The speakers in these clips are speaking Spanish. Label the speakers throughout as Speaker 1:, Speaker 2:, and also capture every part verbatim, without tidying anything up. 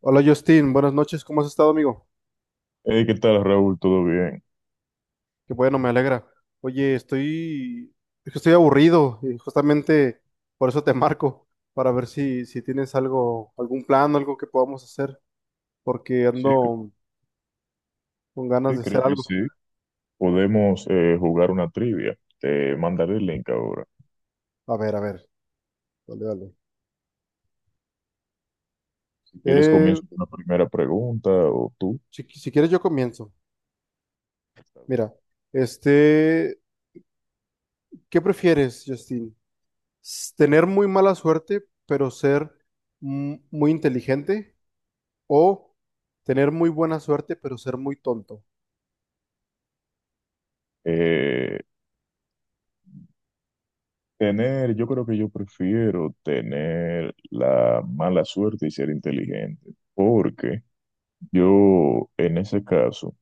Speaker 1: Hola Justin, buenas noches, ¿cómo has estado, amigo?
Speaker 2: Hey, ¿qué tal, Raúl? ¿Todo bien?
Speaker 1: Qué bueno, me alegra. Oye, estoy, es que estoy aburrido y justamente por eso te marco, para ver si, si tienes algo, algún plan, algo que podamos hacer, porque
Speaker 2: Sí, c-
Speaker 1: ando con ganas
Speaker 2: sí,
Speaker 1: de
Speaker 2: creo
Speaker 1: hacer
Speaker 2: que
Speaker 1: algo.
Speaker 2: sí. Podemos eh, jugar una trivia. Te mandaré el link ahora.
Speaker 1: A ver, a ver, dale, dale.
Speaker 2: Si quieres,
Speaker 1: Eh,
Speaker 2: comienzo con la primera pregunta o tú.
Speaker 1: si, si quieres yo comienzo.
Speaker 2: Está bien.
Speaker 1: Mira, este, ¿qué prefieres, Justin? S- ¿Tener muy mala suerte, pero ser mm, muy inteligente? ¿O tener muy buena suerte, pero ser muy tonto?
Speaker 2: Eh, tener, yo creo que yo prefiero tener la mala suerte y ser inteligente, porque yo en ese caso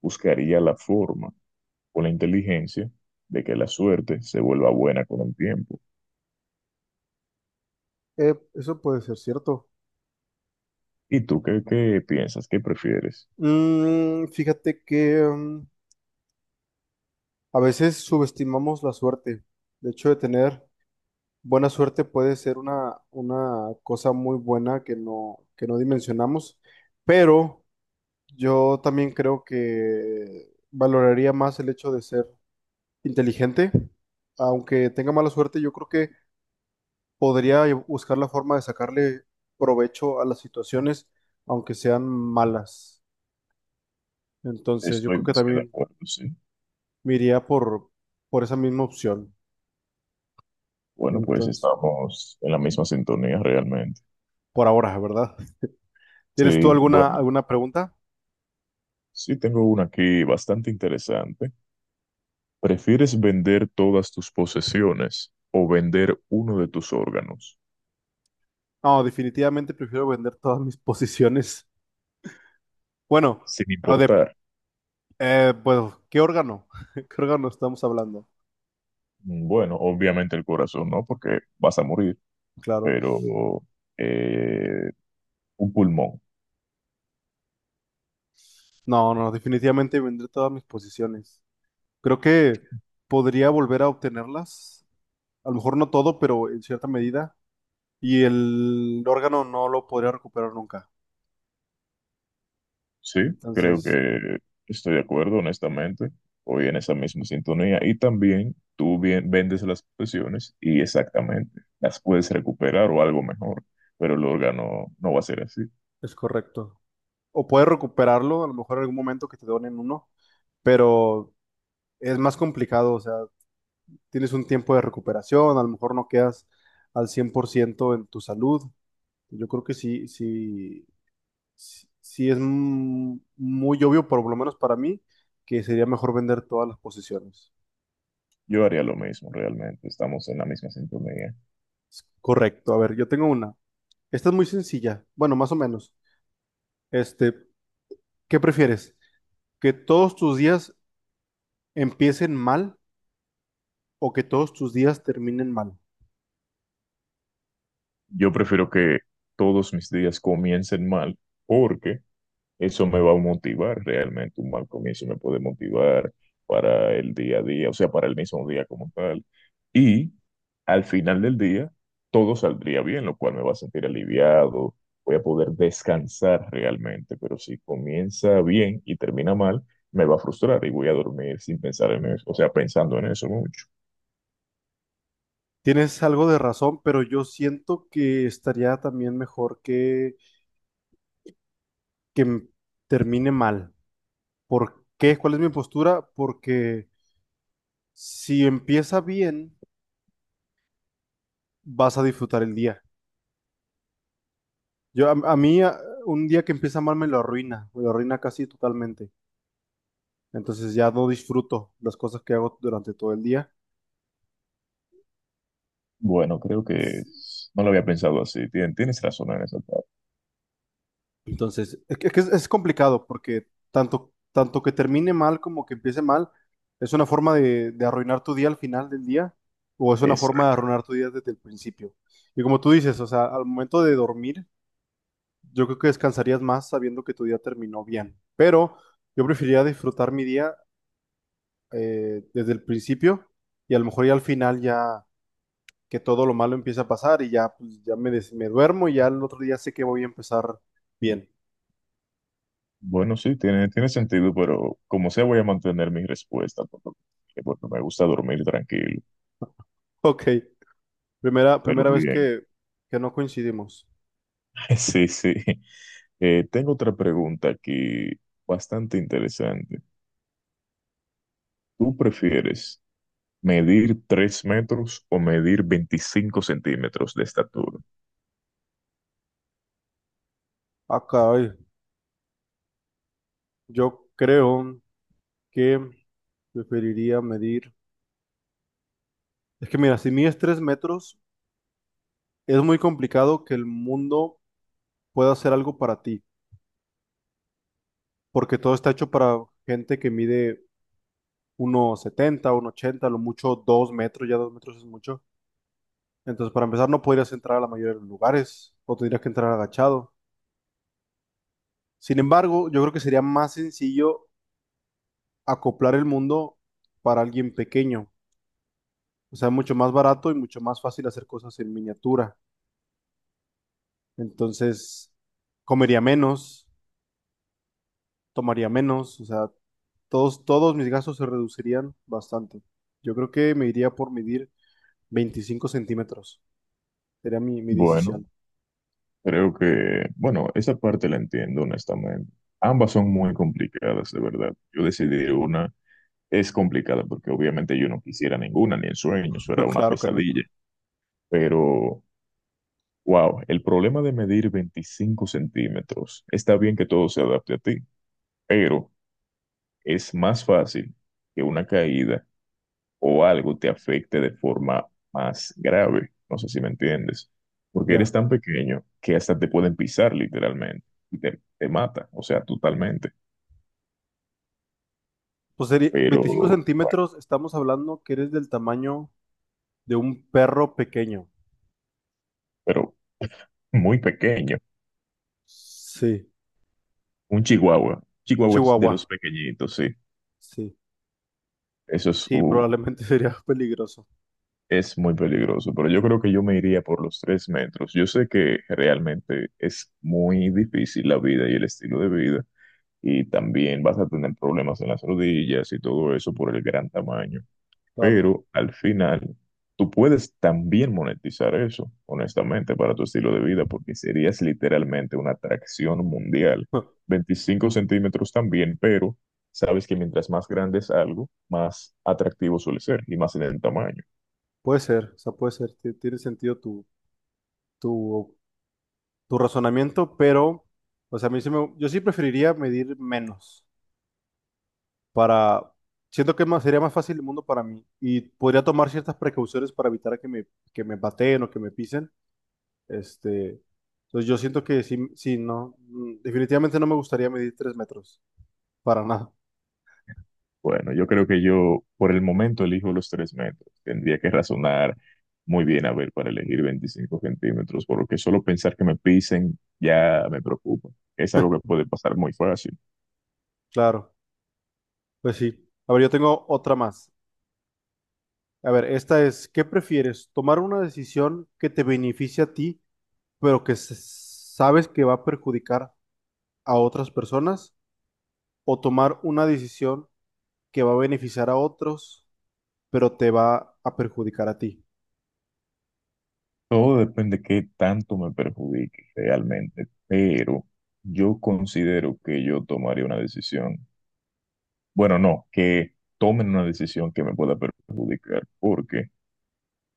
Speaker 2: buscaría la forma o la inteligencia de que la suerte se vuelva buena con el tiempo.
Speaker 1: Eh, eso puede ser cierto.
Speaker 2: ¿Y tú qué, qué piensas? ¿Qué prefieres?
Speaker 1: Mm, fíjate que, mm, a veces subestimamos la suerte. De hecho, de tener buena suerte puede ser una, una cosa muy buena que no, que no dimensionamos. Pero yo también creo que valoraría más el hecho de ser inteligente. Aunque tenga mala suerte, yo creo que podría buscar la forma de sacarle provecho a las situaciones, aunque sean malas. Entonces, yo
Speaker 2: Estoy
Speaker 1: creo que
Speaker 2: más que de
Speaker 1: también
Speaker 2: acuerdo, sí.
Speaker 1: me iría por, por esa misma opción.
Speaker 2: Bueno, pues
Speaker 1: Entonces,
Speaker 2: estamos en la misma sintonía realmente.
Speaker 1: por ahora, ¿verdad? ¿Tienes tú
Speaker 2: Sí,
Speaker 1: alguna,
Speaker 2: bueno,
Speaker 1: alguna pregunta?
Speaker 2: sí tengo una aquí bastante interesante. ¿Prefieres vender todas tus posesiones o vender uno de tus órganos?
Speaker 1: No, definitivamente prefiero vender todas mis posiciones. Bueno,
Speaker 2: Sin
Speaker 1: o de,
Speaker 2: importar.
Speaker 1: eh, pues, ¿qué órgano? ¿Qué órgano estamos hablando?
Speaker 2: Mm, bueno, obviamente el corazón, ¿no? Porque vas a morir,
Speaker 1: Claro.
Speaker 2: pero eh, un pulmón.
Speaker 1: No, no, definitivamente vender todas mis posiciones. Creo que podría volver a obtenerlas, a lo mejor no todo, pero en cierta medida, y el órgano no lo podría recuperar nunca.
Speaker 2: Sí, creo
Speaker 1: Entonces,
Speaker 2: que estoy de acuerdo, honestamente. Voy en esa misma sintonía. Y también tú bien, vendes las posesiones y exactamente las puedes recuperar o algo mejor, pero el órgano no va a ser así.
Speaker 1: es correcto. O puedes recuperarlo, a lo mejor en algún momento que te donen uno, pero es más complicado, o sea, tienes un tiempo de recuperación, a lo mejor no quedas al cien por ciento en tu salud. Yo creo que sí, sí, sí, sí es, mm, muy obvio, por lo menos para mí, que sería mejor vender todas las posiciones.
Speaker 2: Yo haría lo mismo, realmente. Estamos en la misma sintonía.
Speaker 1: Correcto, a ver, yo tengo una. Esta es muy sencilla, bueno, más o menos. Este, ¿qué prefieres? ¿Que todos tus días empiecen mal o que todos tus días terminen mal?
Speaker 2: Yo prefiero que todos mis días comiencen mal porque eso me va a motivar realmente. Un mal comienzo me puede motivar para el día a día, o sea, para el mismo día como tal. Y al final del día, todo saldría bien, lo cual me va a sentir aliviado, voy a poder descansar realmente. Pero si comienza bien y termina mal, me va a frustrar y voy a dormir sin pensar en eso, o sea, pensando en eso mucho.
Speaker 1: Tienes algo de razón, pero yo siento que estaría también mejor que, que m- termine mal. ¿Por qué? ¿Cuál es mi postura? Porque si empieza bien, vas a disfrutar el día. Yo, a, a mí, a- un día que empieza mal me lo arruina, me lo arruina casi totalmente. Entonces ya no disfruto las cosas que hago durante todo el día.
Speaker 2: Bueno, creo que es- no lo había pensado así. Tien- Tienes razón en esa parte.
Speaker 1: Entonces, es, que es, es complicado porque tanto, tanto que termine mal como que empiece mal, es una forma de, de arruinar tu día al final del día, o es una
Speaker 2: Es
Speaker 1: forma de arruinar tu día desde el principio. Y como tú dices, o sea, al momento de dormir, yo creo que descansarías más sabiendo que tu día terminó bien. Pero yo preferiría disfrutar mi día, eh, desde el principio, y a lo mejor ya al final, ya que todo lo malo empieza a pasar y ya, pues, ya me, des- me duermo y ya el otro día sé que voy a empezar bien.
Speaker 2: bueno, sí, tiene, tiene sentido, pero como sea, voy a mantener mi respuesta por lo que- porque me gusta dormir tranquilo,
Speaker 1: Ok. Primera,
Speaker 2: pero
Speaker 1: primera vez
Speaker 2: bien.
Speaker 1: que, que no coincidimos.
Speaker 2: Sí, sí. Eh, tengo otra pregunta aquí bastante interesante. ¿Tú prefieres medir tres metros o medir veinticinco centímetros de estatura?
Speaker 1: Ah, caray. Yo creo que preferiría medir. Es que mira, si mides tres metros, es muy complicado que el mundo pueda hacer algo para ti, porque todo está hecho para gente que mide uno setenta, uno ochenta, lo mucho dos metros, ya dos metros es mucho. Entonces, para empezar, no podrías entrar a la mayoría de los lugares, o tendrías que entrar agachado. Sin embargo, yo creo que sería más sencillo acoplar el mundo para alguien pequeño. O sea, mucho más barato y mucho más fácil hacer cosas en miniatura. Entonces, comería menos, tomaría menos, o sea, todos, todos mis gastos se reducirían bastante. Yo creo que me iría por medir veinticinco centímetros. Sería mi, mi
Speaker 2: Bueno,
Speaker 1: decisión.
Speaker 2: creo que, bueno, esa parte la entiendo honestamente. Ambas son muy complicadas, de verdad. Yo decidí una es complicada porque obviamente yo no quisiera ninguna, ni en sueños, eso
Speaker 1: No,
Speaker 2: era una
Speaker 1: claro que no.
Speaker 2: pesadilla. Pero, wow, el problema de medir veinticinco centímetros, está bien que todo se adapte a ti, pero es más fácil que una caída o algo te afecte de forma más grave. No sé si me entiendes, porque eres
Speaker 1: Ya.
Speaker 2: tan pequeño que hasta te pueden pisar literalmente y te, te mata, o sea, totalmente.
Speaker 1: Pues sería
Speaker 2: Pero,
Speaker 1: veinticinco
Speaker 2: bueno,
Speaker 1: centímetros, estamos hablando que eres del tamaño de un perro pequeño.
Speaker 2: pero muy pequeño.
Speaker 1: Sí,
Speaker 2: Un chihuahua.
Speaker 1: un
Speaker 2: Chihuahua es de los
Speaker 1: chihuahua.
Speaker 2: pequeñitos, sí.
Speaker 1: Sí,
Speaker 2: Eso es,
Speaker 1: sí,
Speaker 2: un-
Speaker 1: probablemente sería peligroso.
Speaker 2: es muy peligroso, pero yo creo que yo me iría por los tres metros. Yo sé que realmente es muy difícil la vida y el estilo de vida, y también vas a tener problemas en las rodillas y todo eso por el gran tamaño.
Speaker 1: Claro.
Speaker 2: Pero al final, tú puedes también monetizar eso, honestamente, para tu estilo de vida, porque serías literalmente una atracción mundial. Veinticinco centímetros también, pero sabes que mientras más grande es algo, más atractivo suele ser y más en el tamaño.
Speaker 1: Puede ser, o sea, puede ser, ti- tiene sentido tu, tu, tu razonamiento, pero, o sea, a mí sí me- yo sí preferiría medir menos, para, siento que más, sería más fácil el mundo para mí y podría tomar ciertas precauciones para evitar que me, que me baten o que me pisen, este, entonces yo siento que sí, sí, no, mm, definitivamente no me gustaría medir tres metros, para nada,
Speaker 2: Bueno, yo creo que yo por el momento elijo los tres metros. Tendría que razonar muy bien a ver para elegir veinticinco centímetros, porque solo pensar que me pisen ya me preocupa. Es algo que puede pasar muy fácil.
Speaker 1: claro, pues sí. A ver, yo tengo otra más. A ver, esta es, ¿qué prefieres? ¿Tomar una decisión que te beneficie a ti, pero que se- sabes que va a perjudicar a otras personas, o tomar una decisión que va a beneficiar a otros, pero te va a perjudicar a ti?
Speaker 2: Todo depende de qué tanto me perjudique realmente, pero yo considero que yo tomaría una decisión. Bueno, no, que tomen una decisión que me pueda perjudicar, porque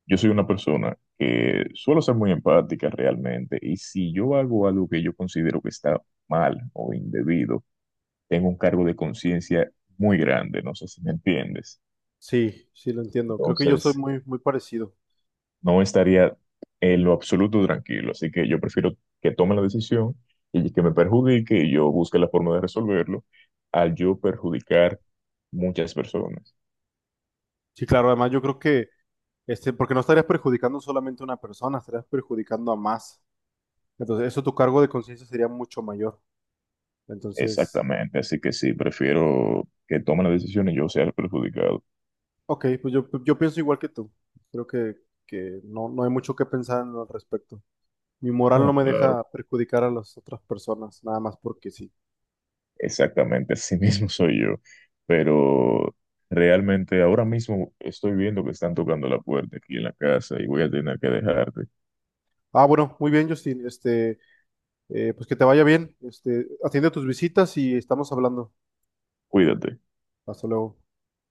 Speaker 2: yo soy una persona que suelo ser muy empática realmente, y si yo hago algo que yo considero que está mal o indebido, tengo un cargo de conciencia muy grande, no sé si me entiendes.
Speaker 1: Sí, sí lo entiendo. Creo que yo soy
Speaker 2: Entonces
Speaker 1: muy, muy parecido.
Speaker 2: no estaría en lo absoluto tranquilo. Así que yo prefiero que tome la decisión y que me perjudique y yo busque la forma de resolverlo al yo perjudicar muchas personas.
Speaker 1: Sí, claro, además yo creo que este, porque no estarías perjudicando solamente a una persona, estarías perjudicando a más. Entonces, eso, tu cargo de conciencia sería mucho mayor. Entonces,
Speaker 2: Exactamente, así que sí, prefiero que tome la decisión y yo sea el perjudicado.
Speaker 1: ok, pues yo, yo pienso igual que tú. Creo que, que no, no hay mucho que pensar al respecto. Mi moral no
Speaker 2: No,
Speaker 1: me
Speaker 2: claro,
Speaker 1: deja perjudicar a las otras personas, nada más porque sí.
Speaker 2: exactamente, así mismo soy yo, pero realmente ahora mismo estoy viendo que están tocando la puerta aquí en la casa y voy a tener que dejarte.
Speaker 1: Ah, bueno, muy bien, Justin. Este, eh, pues que te vaya bien. Este, atiende tus visitas y estamos hablando.
Speaker 2: Cuídate.
Speaker 1: Hasta luego.